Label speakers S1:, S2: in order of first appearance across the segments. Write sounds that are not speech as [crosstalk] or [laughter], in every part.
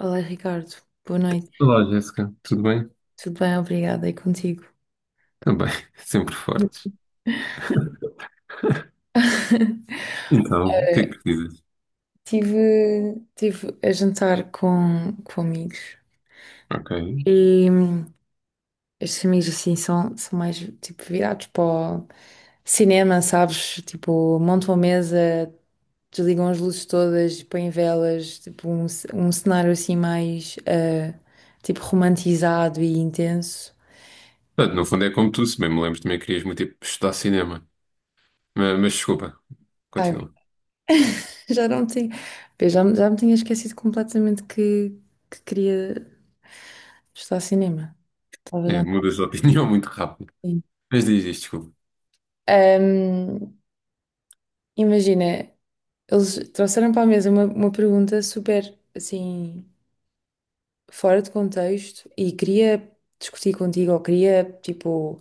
S1: Olá, Ricardo. Boa noite.
S2: Olá, Jéssica, tudo bem?
S1: Tudo bem? Obrigada. E contigo?
S2: Também, [laughs] sempre fortes.
S1: [laughs]
S2: Então, o que é
S1: Eh,
S2: que dizes?
S1: Tive, tive a jantar com amigos
S2: Ok.
S1: e estes amigos assim são mais tipo virados para o cinema, sabes? Tipo, montam a mesa, desligam as luzes todas, põem velas, tipo um cenário assim mais tipo romantizado e intenso.
S2: Portanto, no fundo é como tu, se bem me lembro, também querias muito ir estudar cinema. Mas desculpa,
S1: Ai,
S2: continua.
S1: [laughs] já não tinha, já me tinha esquecido completamente que queria. Está a cinema. Estava já
S2: É,
S1: no
S2: mudas de opinião [laughs] muito rápido.
S1: cinema.
S2: Mas diz isto, desculpa.
S1: Ahm, imagina, eles trouxeram para a mesa uma pergunta super, assim, fora de contexto e queria discutir contigo ou queria, tipo,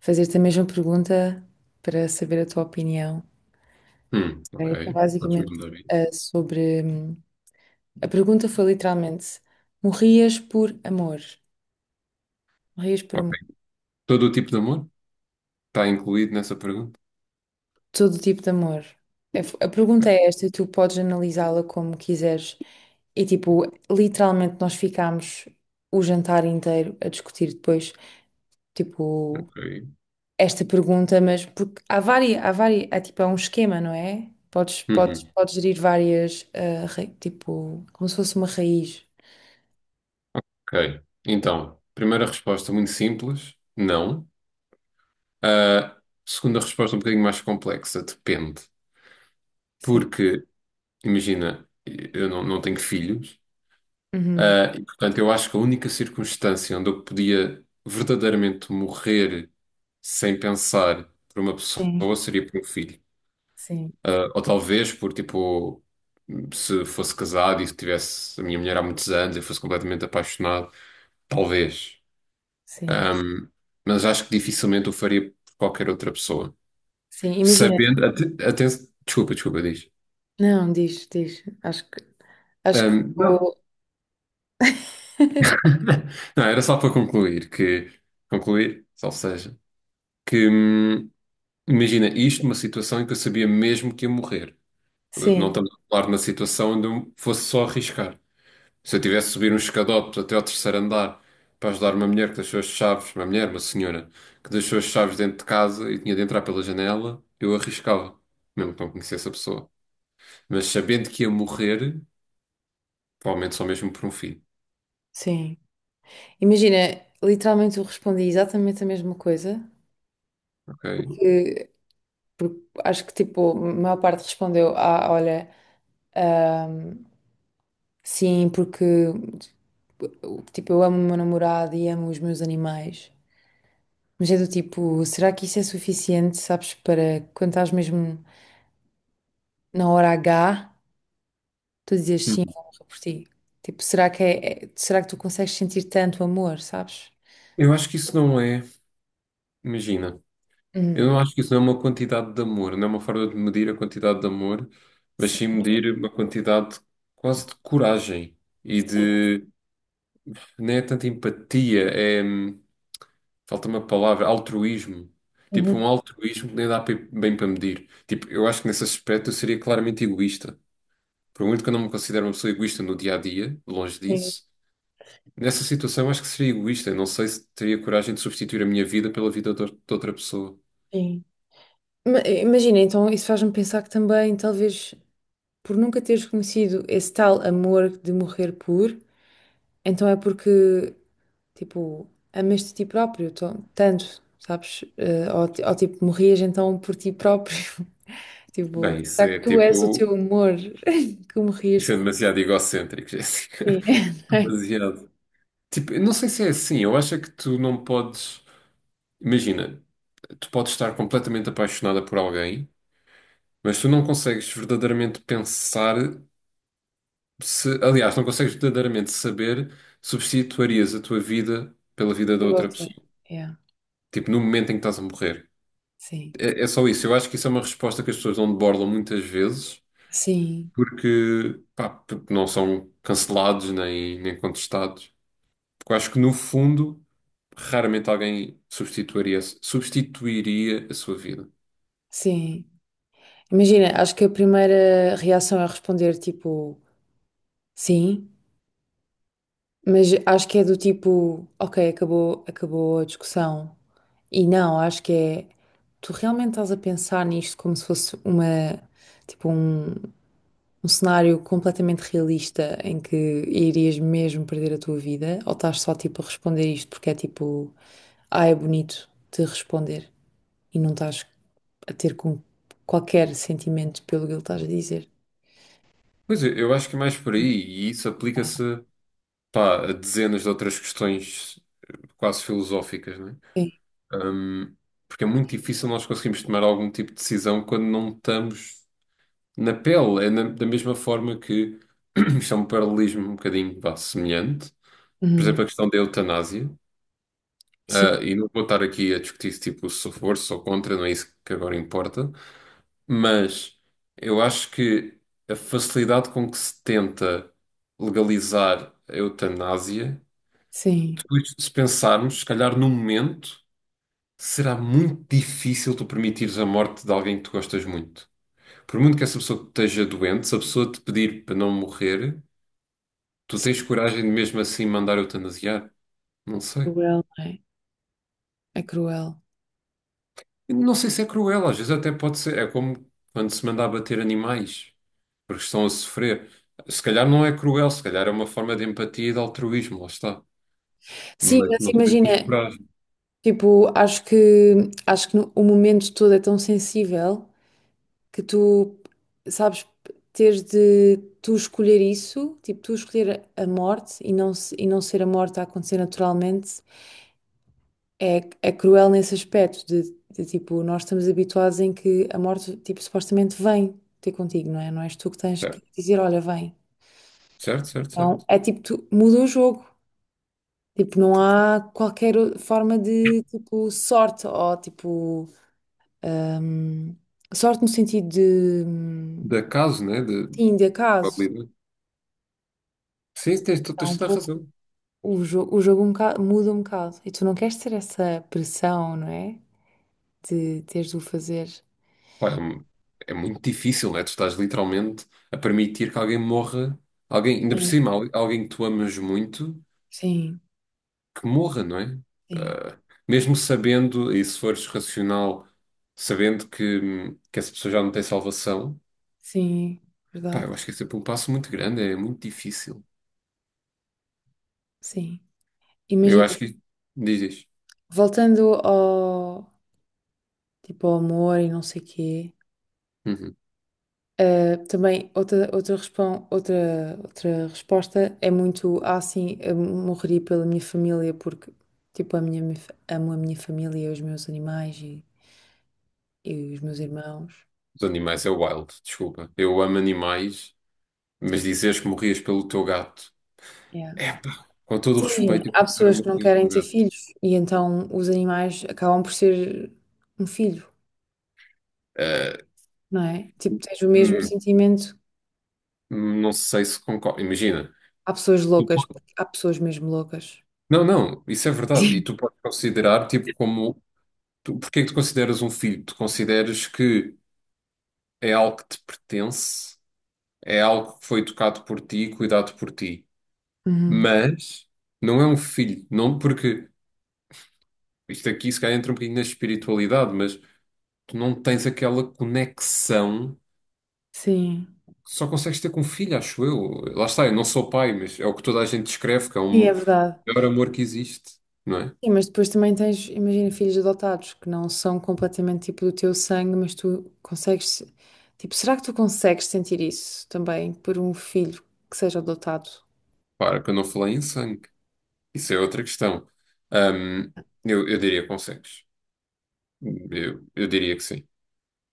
S1: fazer-te a mesma pergunta para saber a tua opinião.
S2: Ok.
S1: Foi
S2: Podes me
S1: basicamente,
S2: mandar aí.
S1: sobre... A pergunta foi literalmente, morrias por amor? Morrias por
S2: Ok.
S1: amor?
S2: Todo o tipo de amor está incluído nessa pergunta?
S1: Todo tipo de amor. A pergunta é esta e tu podes analisá-la como quiseres. E tipo, literalmente nós ficámos o jantar inteiro a discutir depois, tipo,
S2: Ok.
S1: esta pergunta, mas porque há várias, há tipo, é um esquema, não é? Podes, podes,
S2: Uhum,
S1: podes gerir várias, tipo, como se fosse uma raiz.
S2: ok. Então, primeira resposta muito simples, não. A segunda resposta um bocadinho mais complexa, depende.
S1: Sim.
S2: Porque imagina, eu não tenho filhos,
S1: Uhum.
S2: e portanto eu acho que a única circunstância onde eu podia verdadeiramente morrer sem pensar por uma pessoa
S1: Sim,
S2: seria por um filho.
S1: sim,
S2: Ah, ou talvez por tipo, se fosse casado e se tivesse a minha mulher há muitos anos e fosse completamente apaixonado, talvez.
S1: sim.
S2: Ahm, mas acho que dificilmente o faria por qualquer outra pessoa.
S1: Sim, imagina.
S2: Sabendo, desculpa, desculpa, diz.
S1: Não, diz, diz. Acho que.
S2: Não,
S1: [laughs]
S2: [laughs] não, era só para concluir que, concluir, ou seja, que imagina isto uma situação em que eu sabia mesmo que ia morrer. Não
S1: Sim,
S2: estamos a falar de uma situação onde eu fosse só arriscar. Se eu tivesse de subir uns escadotes até ao terceiro andar para ajudar uma mulher que deixou as chaves, uma mulher, uma senhora, que deixou as chaves dentro de casa e tinha de entrar pela janela, eu arriscava, mesmo que não conhecesse a pessoa. Mas sabendo que ia morrer, provavelmente só mesmo por um filho,
S1: sim. Imagina, literalmente eu respondi exatamente a mesma coisa,
S2: ok?
S1: que, porque acho que tipo, a maior parte respondeu, ah, olha, ahm, sim, porque tipo, eu amo o meu namorado e amo os meus animais. Mas é do tipo, será que isso é suficiente, sabes, para quando estás mesmo na hora H, tu dizes sim, eu
S2: Uhum.
S1: morro por ti? Tipo, será que é, é- será que tu consegues sentir tanto amor, sabes?
S2: Eu acho que isso não é, imagina. Eu
S1: Hum,
S2: não acho que isso não é uma quantidade de amor, não é uma forma de medir a quantidade de amor, mas
S1: sim,
S2: sim medir uma quantidade quase de coragem e
S1: sim.
S2: de. Nem é tanta empatia, é. Falta uma palavra, altruísmo. Tipo,
S1: Uhum,
S2: um altruísmo que nem bem para medir. Tipo, eu acho que nesse aspecto eu seria claramente egoísta. Por muito que eu não me considere uma pessoa egoísta no dia a dia, longe
S1: sim,
S2: disso, nessa situação eu acho que seria egoísta. Eu não sei se teria coragem de substituir a minha vida pela vida de outra pessoa.
S1: sim. Imagina, então isso faz-me pensar que também, talvez, por nunca teres conhecido esse tal amor de morrer por, então é porque, tipo, amaste a ti próprio tanto, sabes? Ou, tipo, morrias então por ti próprio. [laughs]
S2: Bem,
S1: Tipo,
S2: isso
S1: será
S2: é
S1: que tu és o
S2: tipo.
S1: teu amor [laughs] que morrias
S2: Isso é
S1: por
S2: demasiado egocêntrico,
S1: ti?
S2: Jéssica. [laughs]
S1: [laughs]
S2: Demasiado. Tipo, eu não sei se é assim. Eu acho é que tu não podes. Imagina, tu podes estar completamente apaixonada por alguém, mas tu não consegues verdadeiramente pensar se. Aliás, não consegues verdadeiramente saber se substituirias a tua vida pela vida da
S1: Por
S2: outra
S1: outra.
S2: pessoa.
S1: Yeah.
S2: Tipo, no momento em que estás a morrer.
S1: Sim,
S2: É, é só isso. Eu acho que isso é uma resposta que as pessoas não debordam muitas vezes
S1: sim,
S2: porque, pá, porque não são cancelados nem contestados. Porque eu acho que no fundo raramente alguém substituiria a sua vida.
S1: sim. Imagina, acho que a primeira reação é responder, tipo, sim. Mas acho que é do tipo, ok, acabou, acabou a discussão. E não, acho que é, tu realmente estás a pensar nisto como se fosse uma, tipo um, um cenário completamente realista em que irias mesmo perder a tua vida? Ou estás só tipo a responder isto porque é tipo, ah, é bonito de responder e não estás a ter com qualquer sentimento pelo que ele estás a dizer?
S2: Pois eu acho que é mais por aí, e isso aplica-se, pá, a dezenas de outras questões quase filosóficas, né?
S1: Sim.
S2: Hum, porque é muito difícil nós conseguirmos tomar algum tipo de decisão quando não estamos na pele. Da mesma forma que [clears throat] isto é um paralelismo um bocadinho, vá, semelhante. Por
S1: Uhum.
S2: exemplo, a questão da eutanásia.
S1: Sim,
S2: Ah, e não vou estar aqui a discutir tipo, se tipo, se sou contra, não é isso que agora importa. Mas eu acho que a facilidade com que se tenta legalizar a eutanásia,
S1: sim,
S2: depois, se pensarmos, se calhar num momento, será muito difícil tu permitires a morte de alguém que tu gostas muito. Por muito que essa pessoa esteja doente, se a pessoa te pedir para não morrer, tu tens
S1: sim,
S2: coragem de mesmo assim mandar eutanasiar? Não
S1: é
S2: sei.
S1: cruel, não é? É cruel.
S2: Não sei se é cruel, às vezes até pode ser. É como quando se manda abater animais, porque estão a sofrer. Se calhar não é cruel, se calhar é uma forma de empatia e de altruísmo, lá está.
S1: Sim,
S2: Mas
S1: mas
S2: não sei se tens
S1: imagina.
S2: coragem.
S1: Tipo, acho que o momento todo é tão sensível que tu, sabes, teres de tu escolher isso, tipo, tu escolher a morte e não, e não ser a morte a acontecer naturalmente, é, é cruel nesse aspecto de, tipo, nós estamos habituados em que a morte, tipo, supostamente vem ter contigo, não é? Não és tu que tens que
S2: Certo,
S1: dizer, olha, vem.
S2: certo, certo,
S1: Então,
S2: certo.
S1: é tipo, tu muda o jogo. Tipo, não há qualquer forma de, tipo, sorte ou, tipo... Ahm, sorte no sentido de,
S2: De acaso, né? De
S1: sim, de acaso.
S2: probabilidade. Sim, tens,
S1: Está
S2: tens
S1: um
S2: toda a
S1: pouco,
S2: razão.
S1: o, jo o jogo muda um bocado. E tu não queres ter essa pressão, não é? De teres de o fazer.
S2: Pá, é muito difícil, né? Tu estás literalmente a permitir que alguém morra, alguém, ainda por
S1: Sim.
S2: cima, alguém que tu amas muito.
S1: Sim,
S2: Que morra, não é?
S1: sim,
S2: Ah, mesmo sabendo, e se fores racional, sabendo que essa pessoa já não tem salvação,
S1: sim,
S2: pá,
S1: verdade.
S2: eu acho que é sempre um passo muito grande, é muito difícil.
S1: Sim.
S2: Eu
S1: Imagina,
S2: acho que diz isto.
S1: voltando ao, tipo, ao amor e não sei quê.
S2: Uhum.
S1: Também outra resposta é muito sim, eu morreria pela minha família porque tipo, amo a minha família, os meus animais e os meus irmãos.
S2: Os animais é wild, desculpa. Eu amo animais, mas dizeres que morrias pelo teu gato,
S1: Yeah.
S2: é pá, com todo o
S1: Sim, imagina,
S2: respeito eu
S1: há
S2: quero
S1: pessoas que não
S2: morrer
S1: querem
S2: pelo
S1: ter
S2: meu gato.
S1: filhos e então os animais acabam por ser um filho,
S2: Ah,
S1: não é? Tipo, tens o mesmo
S2: hum,
S1: sentimento.
S2: não sei se concordo. Imagina.
S1: Há pessoas
S2: Tu
S1: loucas,
S2: po-
S1: há pessoas mesmo loucas.
S2: Não, não, isso é verdade. E tu
S1: [laughs]
S2: podes considerar tipo como tu, porque é que tu consideras um filho? Tu consideras que é algo que te pertence, é algo que foi tocado por ti, e cuidado por ti.
S1: Uhum.
S2: Mas não é um filho, não porque isto aqui se calhar entra um bocadinho na espiritualidade, mas tu não tens aquela conexão
S1: Sim,
S2: que só consegues ter com um filho, acho eu. Lá está, eu não sou pai, mas é o que toda a gente descreve, que é o
S1: sim, é verdade.
S2: maior amor que existe, não é?
S1: Sim, mas depois também tens, imagina, filhos adotados que não são completamente tipo do teu sangue, mas tu consegues, tipo, será que tu consegues sentir isso também por um filho que seja adotado?
S2: Para que eu não falei em sangue. Isso é outra questão. Ahm, eu diria que consegues. Eu diria que sim.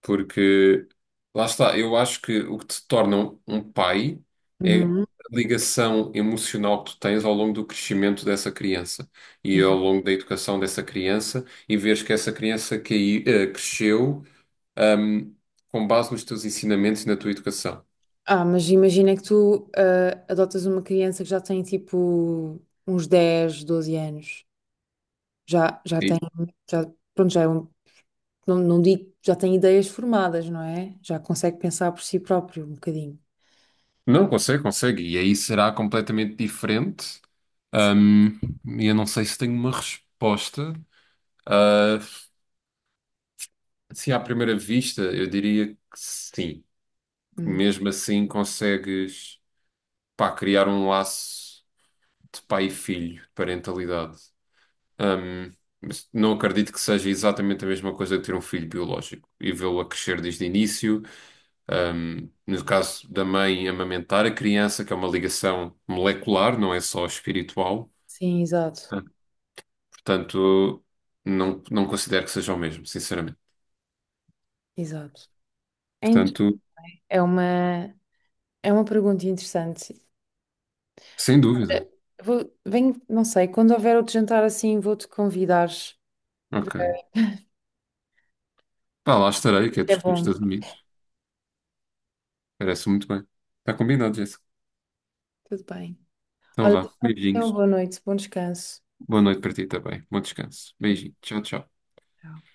S2: Porque lá está, eu acho que o que te torna um pai é
S1: Uhum.
S2: a ligação emocional que tu tens ao longo do crescimento dessa criança e ao
S1: Sim.
S2: longo da educação dessa criança e vês que essa criança que, cresceu, ahm, com base nos teus ensinamentos e na tua educação.
S1: Ah, mas imagina que tu adotas uma criança que já tem tipo uns 10 12 anos. Já tem,
S2: E-
S1: já, pronto, já é um, não, não digo, já tem ideias formadas, não é? Já consegue pensar por si próprio um bocadinho.
S2: não, consegue, consegue. E aí será completamente diferente. Ahm, e eu não sei se tenho uma resposta. Ah, se à primeira vista, eu diria que sim.
S1: Hum,
S2: Mesmo assim consegues, pá, criar um laço de pai e filho, de parentalidade. Ahm, mas não acredito que seja exatamente a mesma coisa que ter um filho biológico e vê-lo a crescer desde o início. No
S1: Sim,
S2: caso da mãe, amamentar a criança, que é uma ligação molecular, não é só espiritual.
S1: sim, exato,
S2: Ah, portanto, não, não considero que seja o mesmo, sinceramente.
S1: exato. É
S2: Portanto,
S1: É uma, é uma pergunta interessante.
S2: sem dúvida.
S1: Eh, Vou, venho, não sei, quando houver outro jantar assim, vou-te convidar.
S2: Ok. Pá, lá estarei, que é
S1: É
S2: discutir dos
S1: bom.
S2: Estados Unidos. Parece muito bem. Está combinado, Jéssica.
S1: Tudo bem.
S2: Então
S1: Olha,
S2: vá,
S1: tenha uma
S2: beijinhos.
S1: boa noite, bom descanso.
S2: Boa noite para ti também. Bom descanso.
S1: É,
S2: Beijinho. Tchau, tchau.
S1: tchau.